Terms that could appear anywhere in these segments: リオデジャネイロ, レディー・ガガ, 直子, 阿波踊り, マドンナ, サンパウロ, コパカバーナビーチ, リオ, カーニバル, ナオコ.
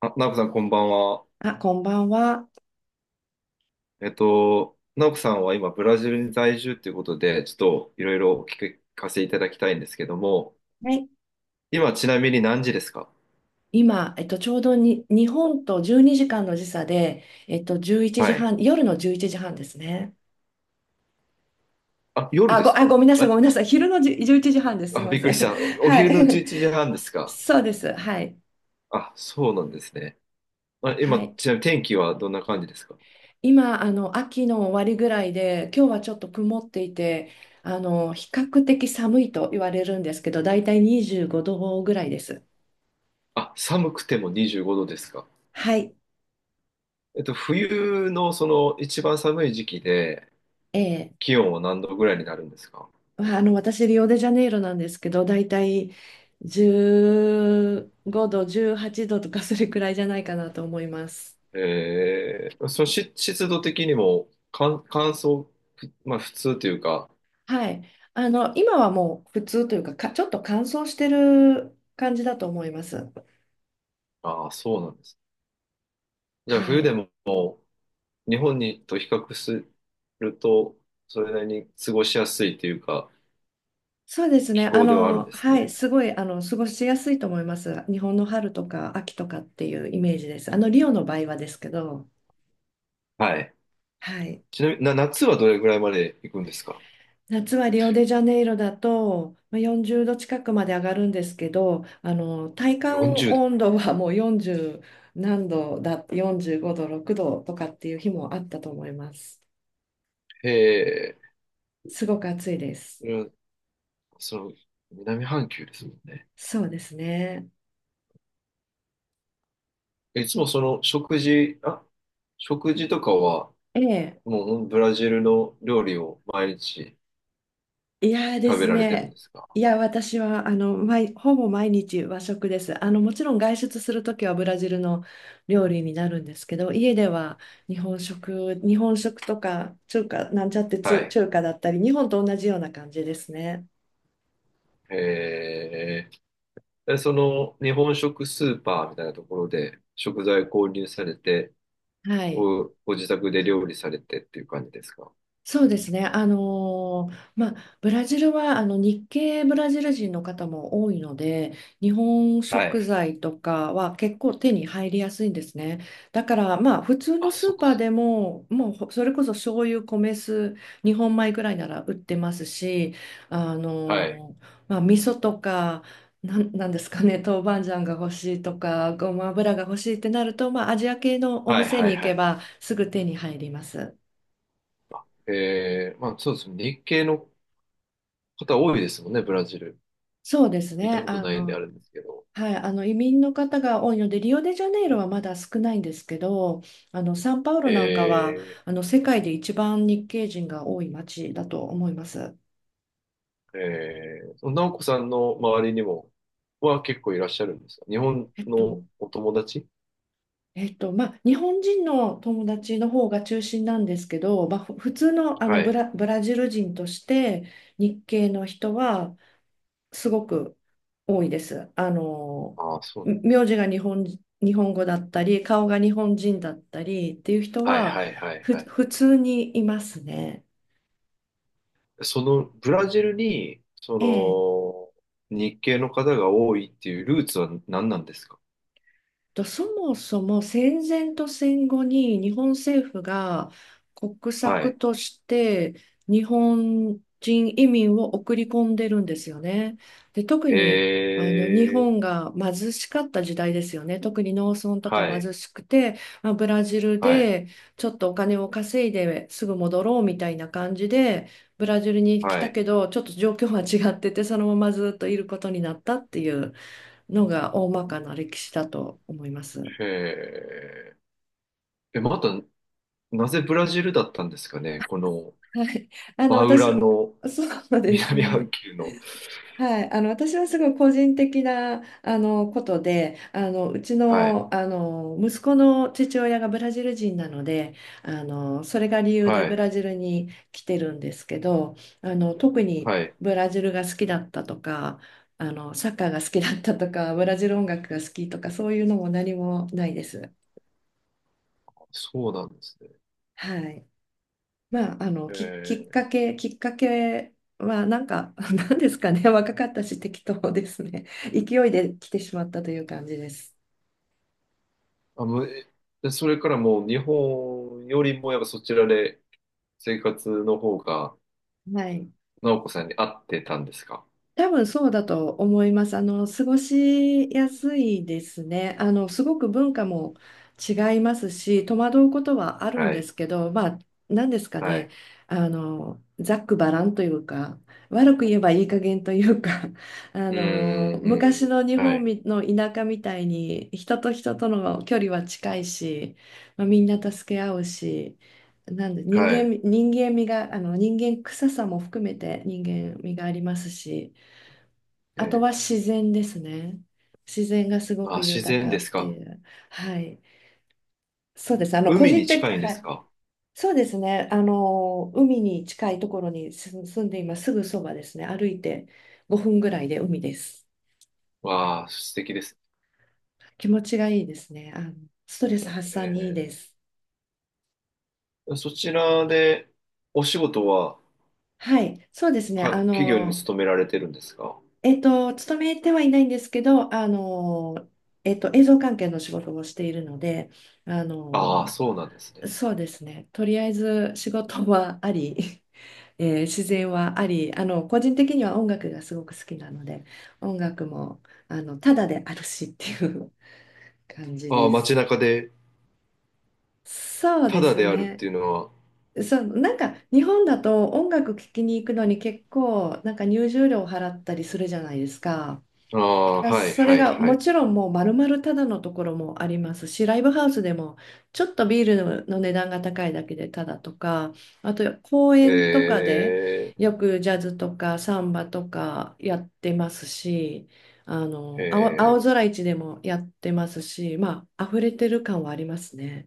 あ、ナオコさん、こんばんは。あ、こんばんは。ナオコさんは今、ブラジルに在住ということで、ちょっといろいろお聞かせいただきたいんですけども、はい。今、ちなみに何時ですか？今、ちょうどに日本と12時間の時差で、11時はい。半、夜の11時半ですね。あ、夜ですあ、か？ごめんなさい、ごあ、めんなさい。昼のじじゅ11時半です。すいあ、まびっくせりしん。た。お、おは昼の11い。時半です か？そうです。はい。あ、そうなんですね。あ、は今、い。ちなみに天気はどんな感じですか？今、秋の終わりぐらいで、今日はちょっと曇っていて、比較的寒いと言われるんですけど、だいたい25度ぐらいです。あ、寒くても25度ですか？はい。えっと、冬のその一番寒い時期で、ええ気温は何度ぐらいになるんですか？まあの、私、リオデジャネイロなんですけど、だいたい15度、18度とかそれくらいじゃないかなと思います。その、し、湿度的にも乾、乾燥、ふ、まあ普通というか、はい。今はもう普通というか、ちょっと乾燥してる感じだと思います。ああ、そうなんです。じゃあは冬でい。も日本にと比較すると、それなりに過ごしやすいというか、そうです気ね。候ではあるんですはね。い。すごい、過ごしやすいと思います。日本の春とか秋とかっていうイメージです。リオの場合はですけど、はい。はい。ちなみに、な、夏はどれぐらいまで行くんですか？ 夏はリオデジャネイロだとまあ40度近くまで上がるんですけど、体感 40 度。温度はもう40何度だ、45度、6度とかっていう日もあったと思います。へえ、すごく暑いです。うん、その、南半球ですもんね。そうですね。いつもその食事、あ、食事とかは、ええ、もうブラジルの料理を毎日いやーで食べすられてるんでね。すか？いや、私は、ほぼ毎日和食です。もちろん外出するときはブラジルの料理になるんですけど、家では日本食とか、なんちゃってはい。中華だったり、日本と同じような感じですね。えー、でその日本食スーパーみたいなところで食材購入されて、はい。お、ご自宅で料理されてっていう感じですか？そうですね。まあ、ブラジルは日系ブラジル人の方も多いので、日本は食い。材とかは結構手に入りやすいんですね。だから、まあ、普通のあ、スそーっかパーそっでも、もうそれこそ醤油、米酢、日本米ぐらいなら売ってますし、か。はい。まあ、味噌とか、なんですかね、豆板醤が欲しいとか、ごま油が欲しいってなると、まあ、アジア系のおはい店はにい行はいはけい。ばすぐ手に入ります。まあそうですね。日系の方多いですもんね、ブラジル。そうです行ったね。ことないんであるんですけど。はい、移民の方が多いので、リオデジャネイロはまだ少ないんですけど、サンパウロなんかはえ世界で一番日系人が多い町だと思います。その直子さんの周りにもは結構いらっしゃるんですか、日本えっと、のお友達。まあ、日本人の友達の方が中心なんですけど、まあ、普通の、はい。ブラジル人として日系の人はすごく多いです。ああ、そうなんで名す。字が日本語だったり、顔が日本人だったりっていう人はいは、はいはいはい。普通にいますね。そのブラジルに、そええの、日系の方が多いっていうルーツは何なんですか？そもそも戦前と戦後に日本政府が国は策い。として日本人移民を送り込んでるんですよね。で、特へに日え、本が貧しかった時代ですよね。特に農村とかはい、貧しくて、まあ、ブラジルはい、でちょっとお金を稼いですぐ戻ろうみたいな感じで、ブラジルに来はたい。けど、ちょっと状況は違ってて、そのままずっといることになったっていうのが大まかな歴史だと思います。へえ。え、また、なぜブラジルだったんですかね、この、はい、真私、裏のそうです南半ね。球の。はい、私はすごい個人的なことで、うちはい、の、息子の父親がブラジル人なので、それが理由ではブい、ラジルに来てるんですけど、特にはい。ブラジルが好きだったとか、サッカーが好きだったとか、ブラジル音楽が好きとかそういうのも何もないです。そうなんですね。はい。まあ、えー。きっかけは、なんか、なんですかね、若かったし、適当ですね。勢いで来てしまったという感じです。あ、もう、え、でそれからもう日本よりもやっぱそちらで生活の方が、はい。直子さんに合ってたんですか？多分そうだと思います。過ごしやすいですね。すごく文化も違いますし、戸惑うことはあるんはでい。すけど、まあ、何ですかはね。い。ざっくばらんというか、悪く言えばいい加減というか、うん、昔うん、の日は本い。みの田舎みたいに、人と人との距離は近いし、まあ、みんな助け合うし、なんではい。人間味が、人間臭さも含めて人間味がありますし、あとはえ自然ですね。自然がすごー、あ、く自豊然かでっすてか。いう。はい。そうです。個海に人的、近いんではすい。か。そうですね。海に近いところに住んでいます。すぐそばですね。歩いて5分ぐらいで海です。わあ、素敵ですね。気持ちがいいですね。ストレス発散にいいえです。ー、そちらで、お仕事は、はい。そうですね。か、企業に勤められてるんですか。勤めてはいないんですけど、映像関係の仕事をしているので、あああ、の、そうなんですね。そうですね。とりあえず仕事はあり、自然はあり、個人的には音楽がすごく好きなので、音楽も、ただであるしっていう感じああ、で街す。中で、そうたでだすであるっね。ていうのは、そう、なんか日本だと音楽聴きに行くのに結構、なんか入場料を払ったりするじゃないですか。ああ、はい、それはい、がはもい。ちろんもう丸々ただのところもありますし、ライブハウスでもちょっとビールの値段が高いだけでただとか、あと公園とかでえよくジャズとかサンバとかやってますし、ー、青え空市でもやってますし、まあ、溢れてる感はありますね。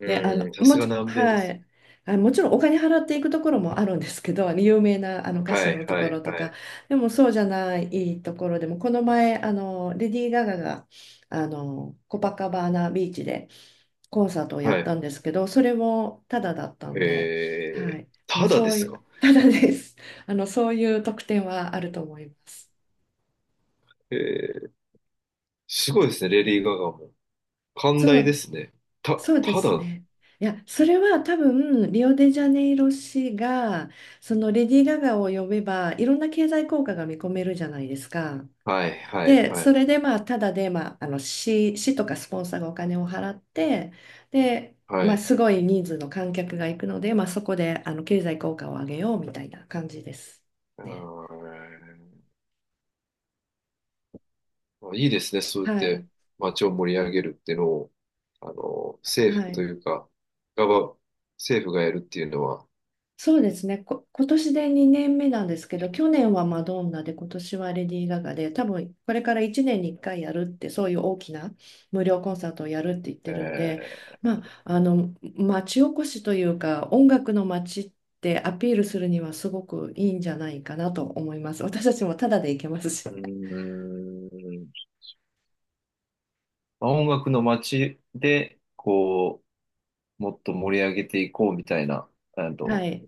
ー、で、うーん、さすが南米ではす。い。あ、もちろんお金払っていくところもあるんですけど、有名な歌は手い、のとはこい、ろとはか、い、でもそうじゃないところでも、この前、レディー・ガガが、コパカバーナビーチでコンサートをやはっい。たんですけど、それもタダだったんで、はえー、い。ただでそうすいか。う、タダです。そういう特典はあると思います。えー、すごいですね、レディー・ガガも。寛そ大でうすね。た、そうでたすだ、ね。いや、それは多分、リオデジャネイロ市が、そのレディー・ガガを呼べば、いろんな経済効果が見込めるじゃないですか。はい、はい、で、はそい、れで、まあ、ただで、まあ、市とかスポンサーがお金を払って、で、はまあ、い。すごい人数の観客が行くので、まあ、そこで、経済効果を上げようみたいな感じですあね。ー、まあいいですね、そうやっはい。て街を盛り上げるっていうのを、あの、は政府とい。いうか、ガバ、政府がやるっていうのは、そうですね。今年で2年目なんですけど、去年はマドンナで、今年はレディー・ガガで、多分これから1年に1回やるって、そういう大きな無料コンサートをやるって言ってるんで、えまあ、町おこしというか、音楽の街ってアピールするにはすごくいいんじゃないかなと思います。私たちもタダで行けますし。うーん、まあ音楽の街で、こう、もっと盛り上げていこうみたいな、あはの、い。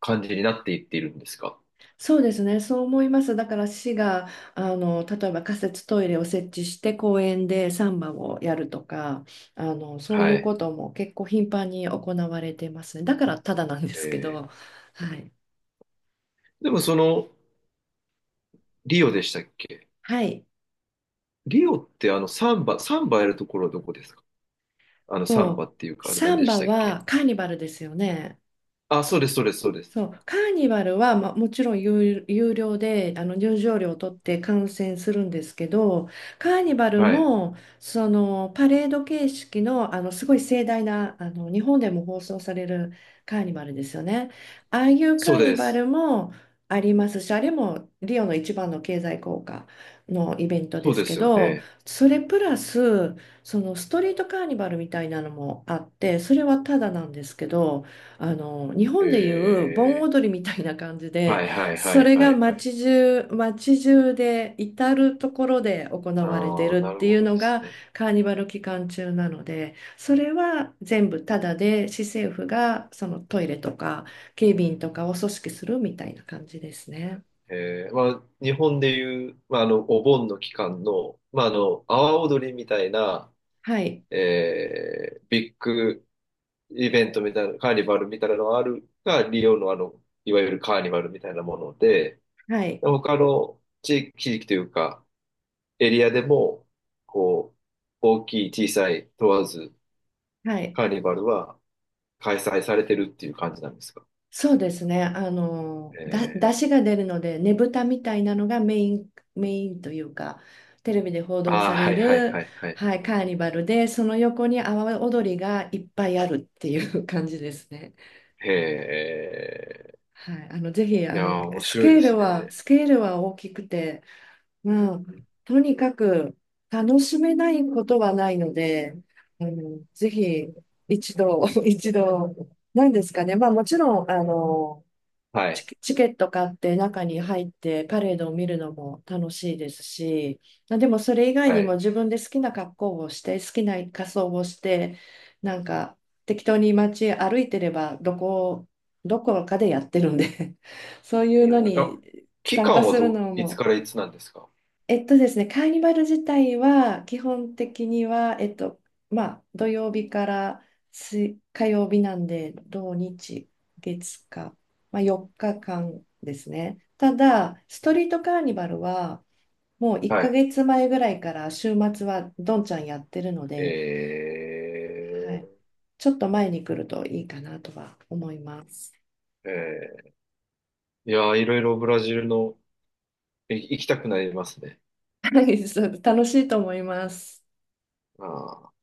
感じになっていっているんですか。そうですね、そう思います。だから市が例えば仮設トイレを設置して公園でサンバをやるとかそういはうい。ことも結構頻繁に行われてますね。だからただなんですけど、えはい、ー、でもその、リオでしたっけ？はい、リオってあのサンバ、サンバやるところはどこですか？あのサンとバっていうか、あれサ何ンでしバたっけ？はカーニバルですよね。あ、そうです、そうです、そうです。そう、カーニバルは、まあ、もちろん有料で入場料を取って観戦するんですけどカーニバルはい。もそのパレード形式の、すごい盛大な日本でも放送されるカーニバルですよね。ああいうカそうーニでバルす。もありますしあれもリオの一番の経済効果のイベントそでうすでけすよどね。それプラスそのストリートカーニバルみたいなのもあってそれはただなんですけど。日本でいへう盆え。踊りみたいな感じはでいはいはそいれはがいはい。街中街中で至る所で行われてああ、るなっるていほうどでのすがね。カーニバル期間中なのでそれは全部タダで市政府がそのトイレとか警備員とかを組織するみたいな感じですね。まあ、日本でいう、まあ、あの、お盆の期間の、まあ、あの、阿波踊りみたいな、はい、えー、ビッグイベントみたいな、カーニバルみたいなのがあるが、リオのあの、いわゆるカーニバルみたいなもので、はい、他の地域、地域というか、エリアでも、こう、大きい、小さい問わず、はいカーニバルは開催されてるっていう感じなんですか。そうですね。えー、出汁が出るので、ねぶたみたいなのがメイン、メインというか、テレビで報道あさあ、はれいはいる、はいはいはい、はい。カーニバルで、その横に阿波踊りがいっぱいあるっていう感じですね。へえ、はい、ぜひ、いやー、面白いですね。スケールは大きくて、まあ、とにかく楽しめないことはないので、ぜひ、一度、一度、なんですかね。まあ、もちろん、はい、チケット買って中に入ってパレードを見るのも楽しいですし、まあでもそれ以外はにもい。自分で好きな格好をして好きな仮装をしてなんか適当に街歩いてればどこかでやってるんで そういううのん、あ、に期参加間はするど、のいつもからいつなんですか。ですね、カーニバル自体は基本的には、まあ、土曜日から火曜日なんで、土日、月火、まあ、4日間ですね。ただ、ストリートカーニバルはもう1はい。ヶ月前ぐらいから週末はどんちゃんやってるので、はえい、ちょっと前に来るといいかなとは思います。ー、えいやー、いろいろブラジルの、い、行きたくなりますね。はい、そう楽しいと思います。あ